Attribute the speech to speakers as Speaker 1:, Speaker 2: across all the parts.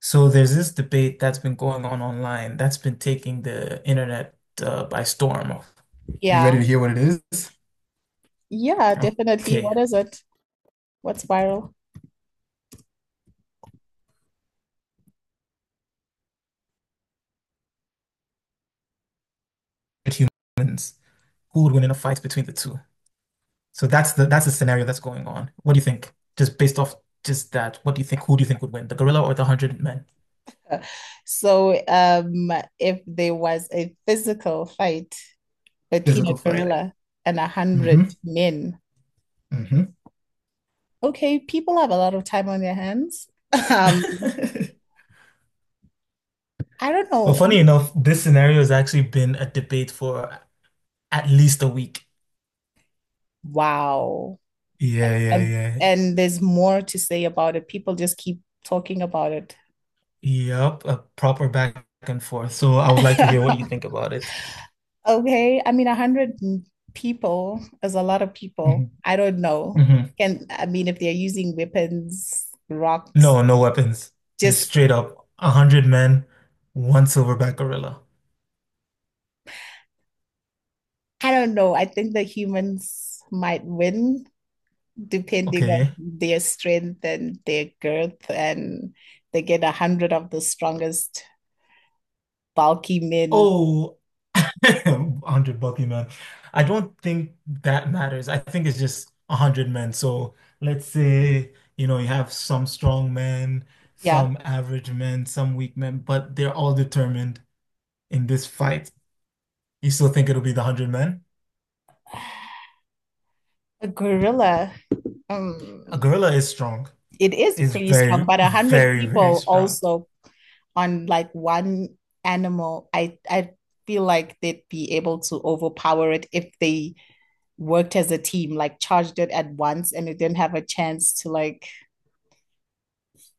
Speaker 1: So there's this debate that's been going on online that's been taking the internet by storm. Are you
Speaker 2: Yeah,
Speaker 1: ready to hear what it is?
Speaker 2: yeah, definitely.
Speaker 1: Okay,
Speaker 2: What is it? What's viral?
Speaker 1: with humans, who would win in a fight between the two? So that's the scenario that's going on. What do you think? Just based off just that, what do you think? Who do you think would win, the gorilla or the hundred men?
Speaker 2: So, if there was a physical fight between a
Speaker 1: Physical fight.
Speaker 2: gorilla and a hundred
Speaker 1: hmm
Speaker 2: men,
Speaker 1: hmm
Speaker 2: okay, people have a lot of time on their hands. Um, I don't
Speaker 1: Well,
Speaker 2: know.
Speaker 1: funny enough, this scenario has actually been a debate for at least a week.
Speaker 2: Wow.
Speaker 1: Yeah, yeah,
Speaker 2: And
Speaker 1: yeah.
Speaker 2: and there's more to say about it. People just keep talking about it.
Speaker 1: Yep, a proper back and forth. So I would like to hear what you think about it.
Speaker 2: Okay, I mean, 100 people is a lot of people.
Speaker 1: hmm
Speaker 2: I don't know.
Speaker 1: hmm
Speaker 2: Can I mean, if they're using weapons, rocks,
Speaker 1: No, no weapons. Just
Speaker 2: just—
Speaker 1: straight up, a hundred men, one silverback gorilla.
Speaker 2: I don't know. I think the humans might win depending on
Speaker 1: Okay.
Speaker 2: their strength and their girth, and they get 100 of the strongest bulky men.
Speaker 1: Oh, a hundred bucky men. I don't think that matters. I think it's just a hundred men. So let's say, you know, you have some strong men,
Speaker 2: Yeah,
Speaker 1: some average men, some weak men, but they're all determined in this fight. You still think it'll be the hundred men?
Speaker 2: a gorilla.
Speaker 1: A
Speaker 2: Um,
Speaker 1: gorilla is strong.
Speaker 2: it is
Speaker 1: It's
Speaker 2: pretty strong,
Speaker 1: very,
Speaker 2: but a hundred
Speaker 1: very, very
Speaker 2: people
Speaker 1: strong.
Speaker 2: also on like one animal, I feel like they'd be able to overpower it if they worked as a team, like charged it at once and it didn't have a chance to like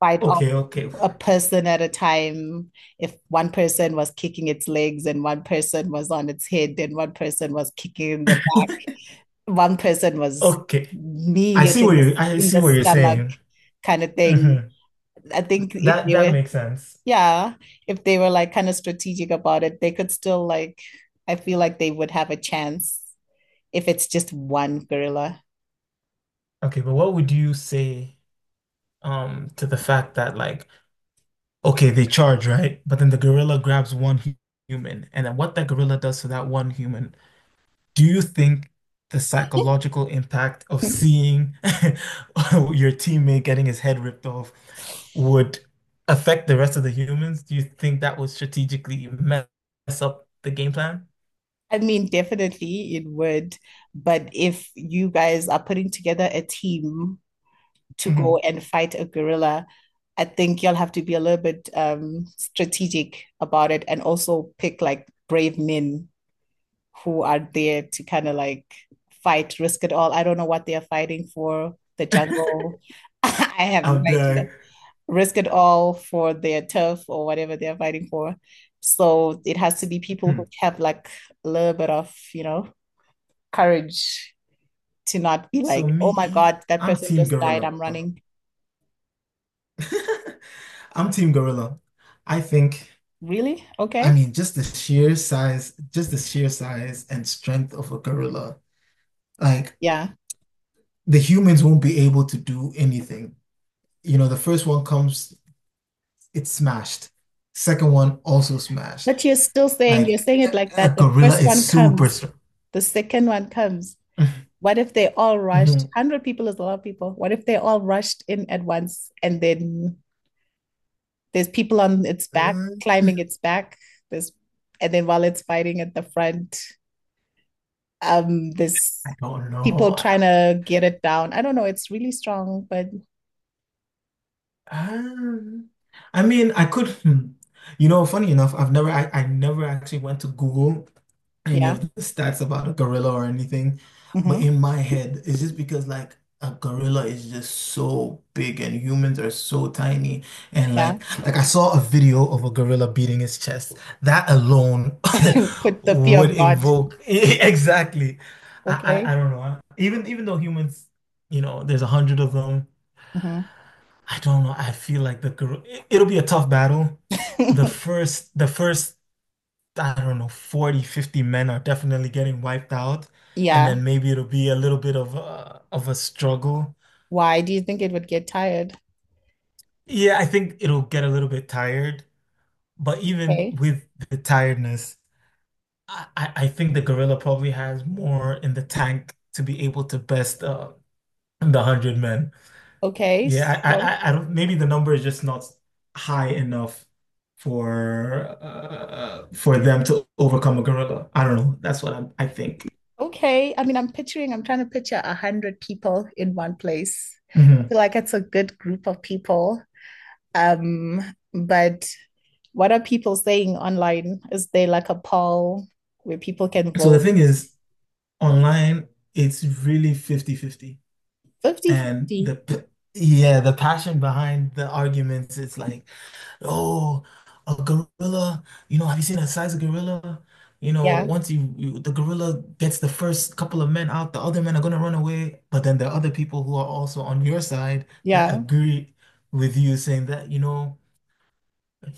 Speaker 2: fight off
Speaker 1: Okay, okay,
Speaker 2: a person at a time. If one person was kicking its legs and one person was on its head and one person was kicking in the back, one person was
Speaker 1: okay. I
Speaker 2: kneeing it
Speaker 1: see what you I
Speaker 2: in
Speaker 1: see
Speaker 2: the
Speaker 1: what you're
Speaker 2: stomach
Speaker 1: saying.
Speaker 2: kind of thing.
Speaker 1: hmm
Speaker 2: I think if
Speaker 1: That
Speaker 2: they
Speaker 1: that
Speaker 2: were—
Speaker 1: makes sense.
Speaker 2: yeah, if they were like kind of strategic about it, they could still like, I feel like they would have a chance if it's just one gorilla.
Speaker 1: Okay, but what would you say to the fact that okay, they charge, right? But then the gorilla grabs one human, and then what that gorilla does to that one human, do you think the psychological impact of seeing your teammate getting his head ripped off would affect the rest of the humans? Do you think that would strategically mess up the game plan?
Speaker 2: I mean, definitely it would. But if you guys are putting together a team to go
Speaker 1: Mhm.
Speaker 2: and fight a gorilla, I think you'll have to be a little bit strategic about it and also pick like brave men who are there to kind of like fight, risk it all. I don't know what they are fighting for, the jungle. I have no
Speaker 1: I'm
Speaker 2: idea.
Speaker 1: there.
Speaker 2: Risk it all for their turf or whatever they are fighting for. So it has to be people
Speaker 1: Hmm.
Speaker 2: who have like a little bit of, courage to not be
Speaker 1: So
Speaker 2: like, oh my
Speaker 1: me,
Speaker 2: God, that
Speaker 1: I'm
Speaker 2: person
Speaker 1: Team
Speaker 2: just died.
Speaker 1: Gorilla.
Speaker 2: I'm running.
Speaker 1: I'm Team Gorilla. I think,
Speaker 2: Really?
Speaker 1: I
Speaker 2: Okay.
Speaker 1: mean, just the sheer size, just the sheer size and strength of a gorilla, like
Speaker 2: Yeah.
Speaker 1: the humans won't be able to do anything. You know, the first one comes, it's smashed. Second one also smashed.
Speaker 2: But you're
Speaker 1: Like
Speaker 2: saying it like
Speaker 1: a
Speaker 2: that. The
Speaker 1: gorilla
Speaker 2: first
Speaker 1: is
Speaker 2: one
Speaker 1: super
Speaker 2: comes,
Speaker 1: strong.
Speaker 2: the second one comes. What if they all rushed? 100 people is a lot of people. What if they all rushed in at once and then there's people on its back, climbing its back, there's and then while it's fighting at the front,
Speaker 1: I
Speaker 2: there's
Speaker 1: don't
Speaker 2: people
Speaker 1: know.
Speaker 2: trying to get it down. I don't know, it's really strong, but
Speaker 1: Um, I mean, I could, You know, funny enough, I never actually went to Google any
Speaker 2: yeah.
Speaker 1: of the stats about a gorilla or anything, but
Speaker 2: Mm-hmm.
Speaker 1: in my head, it's just because like a gorilla is just so big and humans are so tiny, and like,
Speaker 2: Yeah.
Speaker 1: like I saw a video of a gorilla beating his chest. That alone
Speaker 2: Put the fear
Speaker 1: would
Speaker 2: of God.
Speaker 1: invoke exactly. I
Speaker 2: Okay.
Speaker 1: don't know. Even though humans, you know, there's a hundred of them. I don't know. I feel like it'll be a tough battle. The
Speaker 2: Mm-hmm.
Speaker 1: first, the first, I don't know, 40, 50 men are definitely getting wiped out, and
Speaker 2: yeah.
Speaker 1: then maybe it'll be a little bit of a struggle.
Speaker 2: Why do you think it would get tired?
Speaker 1: Yeah, I think it'll get a little bit tired, but even
Speaker 2: Okay.
Speaker 1: with the tiredness, I I think the gorilla probably has more in the tank to be able to best the 100 men.
Speaker 2: Okay.
Speaker 1: Yeah,
Speaker 2: So.
Speaker 1: I don't. Maybe the number is just not high enough for them to overcome a gorilla. I don't know. That's what I think.
Speaker 2: Okay. I mean, I'm picturing, I'm trying to picture 100 people in one place. I
Speaker 1: hmm
Speaker 2: feel like it's a good group of people. Um, but what are people saying online? Is there like a poll where people can
Speaker 1: So the
Speaker 2: vote?
Speaker 1: thing is, online, it's really 50 50. And the
Speaker 2: Fifty-fifty.
Speaker 1: p- yeah, the passion behind the arguments, it's like, oh, a gorilla. You know, have you seen the size of gorilla? You know,
Speaker 2: Yeah.
Speaker 1: once you the gorilla gets the first couple of men out, the other men are gonna run away. But then there are other people who are also on your side that
Speaker 2: Yeah.
Speaker 1: agree with you, saying that, you know,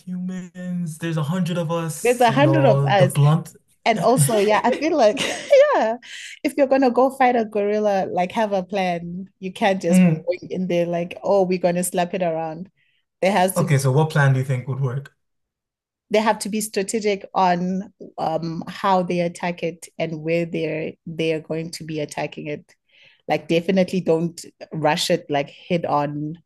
Speaker 1: humans, there's a hundred of
Speaker 2: There's
Speaker 1: us,
Speaker 2: a
Speaker 1: you
Speaker 2: hundred of
Speaker 1: know, the
Speaker 2: us.
Speaker 1: blunt.
Speaker 2: And also, yeah, I feel like, yeah, if you're gonna go fight a gorilla, like have a plan. You can't just
Speaker 1: Mm.
Speaker 2: go in there like, oh, we're gonna slap it around. There has to
Speaker 1: Okay, so what plan do you think would work?
Speaker 2: They have to be strategic on how they attack it and where they are going to be attacking it. Like definitely don't rush it like head on.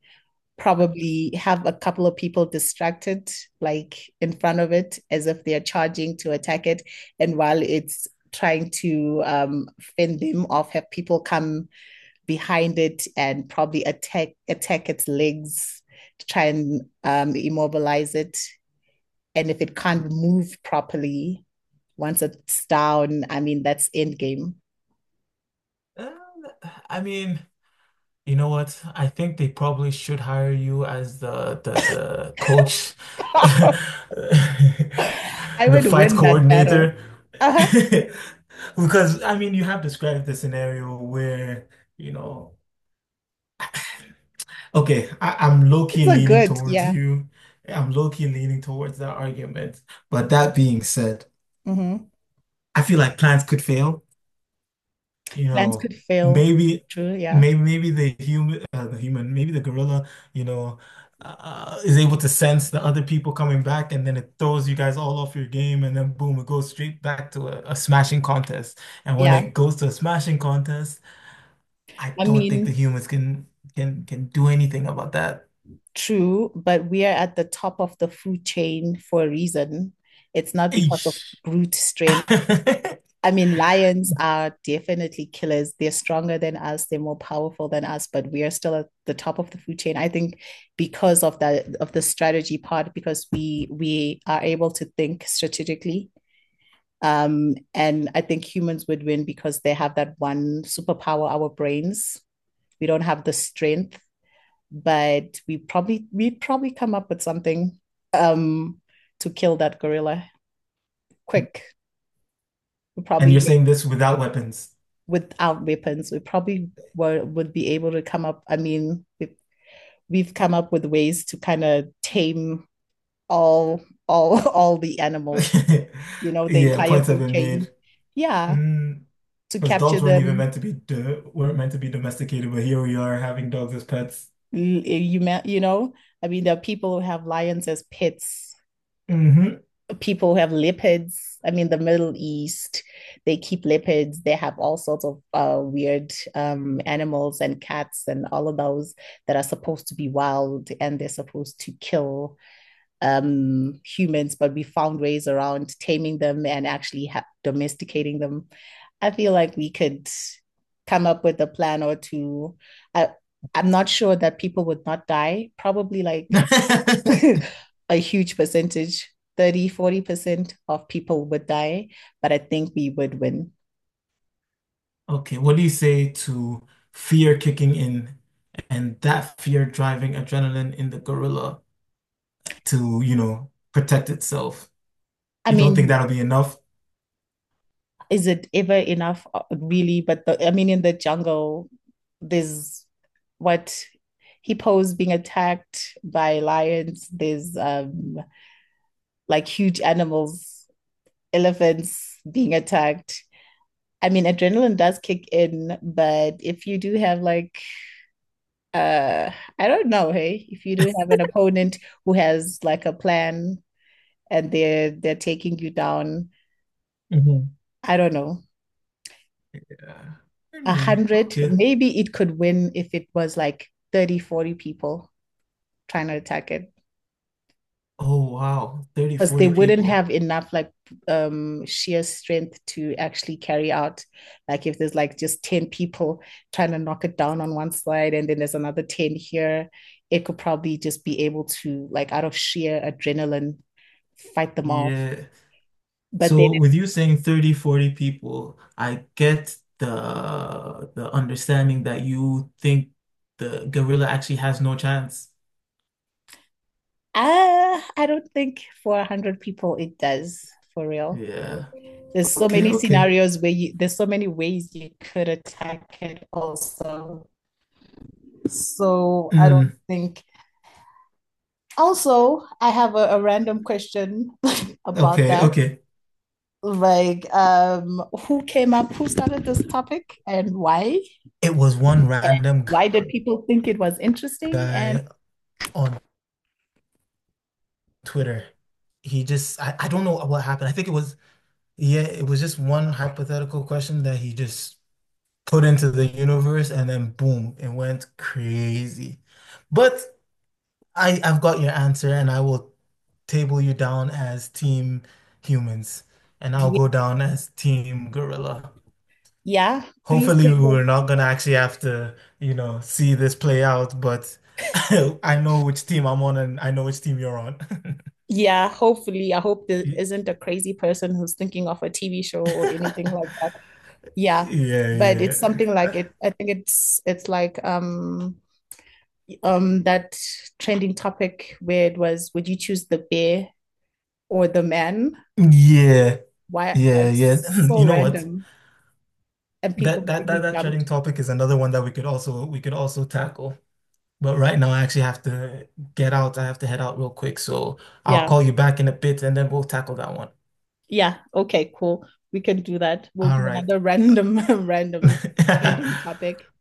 Speaker 2: Probably have a couple of people distracted, like in front of it, as if they are charging to attack it. And while it's trying to fend them off, have people come behind it and probably attack its legs to try and immobilize it, and if it can't move properly, once it's down, I mean, that's end game.
Speaker 1: Uh, I mean, you know what? I think they probably should hire you as the coach,
Speaker 2: I
Speaker 1: the
Speaker 2: would
Speaker 1: fight
Speaker 2: win that battle.
Speaker 1: coordinator.
Speaker 2: Uh-huh.
Speaker 1: Because I mean, you have described the scenario where, you know, okay, I'm
Speaker 2: It's
Speaker 1: low-key
Speaker 2: a
Speaker 1: leaning
Speaker 2: good,
Speaker 1: towards
Speaker 2: yeah.
Speaker 1: you. I'm low-key leaning towards that argument. But that being said,
Speaker 2: Mm-hmm.
Speaker 1: I feel like plans could fail. You
Speaker 2: Plans could
Speaker 1: know,
Speaker 2: fail.
Speaker 1: maybe,
Speaker 2: True, yeah.
Speaker 1: maybe maybe the gorilla, you know, is able to sense the other people coming back, and then it throws you guys all off your game, and then boom, it goes straight back to a smashing contest. And when
Speaker 2: Yeah.
Speaker 1: it goes to a smashing contest, I
Speaker 2: I
Speaker 1: don't think the
Speaker 2: mean,
Speaker 1: humans can do anything about that.
Speaker 2: true, but we are at the top of the food chain for a reason. It's not because of
Speaker 1: Eesh.
Speaker 2: brute strength. I mean, lions are definitely killers. They're stronger than us, they're more powerful than us, but we are still at the top of the food chain. I think because of that, of the strategy part, because we are able to think strategically. And I think humans would win because they have that one superpower, our brains. We don't have the strength, but we probably come up with something um to kill that gorilla quick. We
Speaker 1: And
Speaker 2: probably—
Speaker 1: you're saying this without weapons.
Speaker 2: without weapons, we probably would be able to come up. I mean, we— we've come up with ways to kind of tame all all all the animals. You know, the
Speaker 1: Yeah,
Speaker 2: entire
Speaker 1: points have
Speaker 2: food
Speaker 1: been
Speaker 2: chain.
Speaker 1: made.
Speaker 2: Yeah,
Speaker 1: Mm.
Speaker 2: to
Speaker 1: Because
Speaker 2: capture
Speaker 1: dogs weren't even meant
Speaker 2: them.
Speaker 1: to be do weren't meant to be domesticated, but here we are having dogs as pets.
Speaker 2: You you know, I mean, there are people who have lions as pets.
Speaker 1: hmm
Speaker 2: People have leopards. I mean, the Middle East, they keep leopards. They have all sorts of weird animals and cats and all of those that are supposed to be wild and they're supposed to kill humans. But we found ways around taming them and actually domesticating them. I feel like we could come up with a plan or two. I, I'm not sure that people would not die. Probably like a huge percentage, 30, 40% of people would die, but I think we would win.
Speaker 1: Okay, what do you say to fear kicking in and that fear driving adrenaline in the gorilla to, you know, protect itself?
Speaker 2: I
Speaker 1: You
Speaker 2: mean,
Speaker 1: don't think that'll be enough?
Speaker 2: is it ever enough? Really, but I mean, in the jungle there's— what, hippos being attacked by lions, there's like huge animals, elephants being attacked. I mean, adrenaline does kick in, but if you do have like— Uh, I don't know, hey, if you do have an opponent who has like a plan and they're taking you down,
Speaker 1: Mhm.
Speaker 2: I don't know,
Speaker 1: Yeah.
Speaker 2: a
Speaker 1: Anyway,
Speaker 2: hundred,
Speaker 1: okay.
Speaker 2: maybe it could win if it was like 30, 40 people trying to attack it.
Speaker 1: Oh, wow, 30
Speaker 2: Because they
Speaker 1: 40
Speaker 2: wouldn't
Speaker 1: people.
Speaker 2: have enough like sheer strength to actually carry out. Like if there's like just 10 people trying to knock it down on one side and then there's another 10 here, it could probably just be able to like out of sheer adrenaline fight them off.
Speaker 1: Yeah.
Speaker 2: But then,
Speaker 1: So with you saying 30, 40 people, I get the understanding that you think the gorilla actually has no chance.
Speaker 2: I don't think for 100 people it does, for real.
Speaker 1: Yeah.
Speaker 2: There's so
Speaker 1: Okay,
Speaker 2: many
Speaker 1: okay.
Speaker 2: scenarios where you— there's so many ways you could attack it also. So I don't
Speaker 1: Mm,
Speaker 2: think. Also, I have a random question about
Speaker 1: okay,
Speaker 2: that.
Speaker 1: okay.
Speaker 2: Like, who came up, who started this topic, and why?
Speaker 1: It was one
Speaker 2: And
Speaker 1: random
Speaker 2: why did people think it was interesting? And
Speaker 1: guy on Twitter. He just, I don't know what happened. I think it was yeah, it was just one hypothetical question that he just put into the universe and then boom, it went crazy. But I I've got your answer, and I will table you down as team humans, and I'll go down as team gorilla.
Speaker 2: yeah, please
Speaker 1: Hopefully, we're
Speaker 2: tell.
Speaker 1: not gonna actually have to, you know, see this play out, but I know which team I'm on, and I know which team you're on.
Speaker 2: Yeah, hopefully. I hope there
Speaker 1: Y-
Speaker 2: isn't a crazy person who's thinking of a TV show or anything like that. Yeah.
Speaker 1: Yeah,
Speaker 2: But it's something like
Speaker 1: yeah.
Speaker 2: it. I think it's like that trending topic where it was, would you choose the bear or the man?
Speaker 1: Yeah,
Speaker 2: Why
Speaker 1: yeah,
Speaker 2: like
Speaker 1: yeah.
Speaker 2: so
Speaker 1: You know what?
Speaker 2: random, and
Speaker 1: That
Speaker 2: people
Speaker 1: that that
Speaker 2: really
Speaker 1: that trending
Speaker 2: jumped.
Speaker 1: topic is another one that we could also tackle. But right now, I actually have to get out. I have to head out real quick. So I'll
Speaker 2: Yeah.
Speaker 1: call you back in a bit and then we'll tackle that one.
Speaker 2: Yeah. Okay, cool. We can do that. We'll
Speaker 1: All
Speaker 2: do
Speaker 1: right.
Speaker 2: another random random trending topic.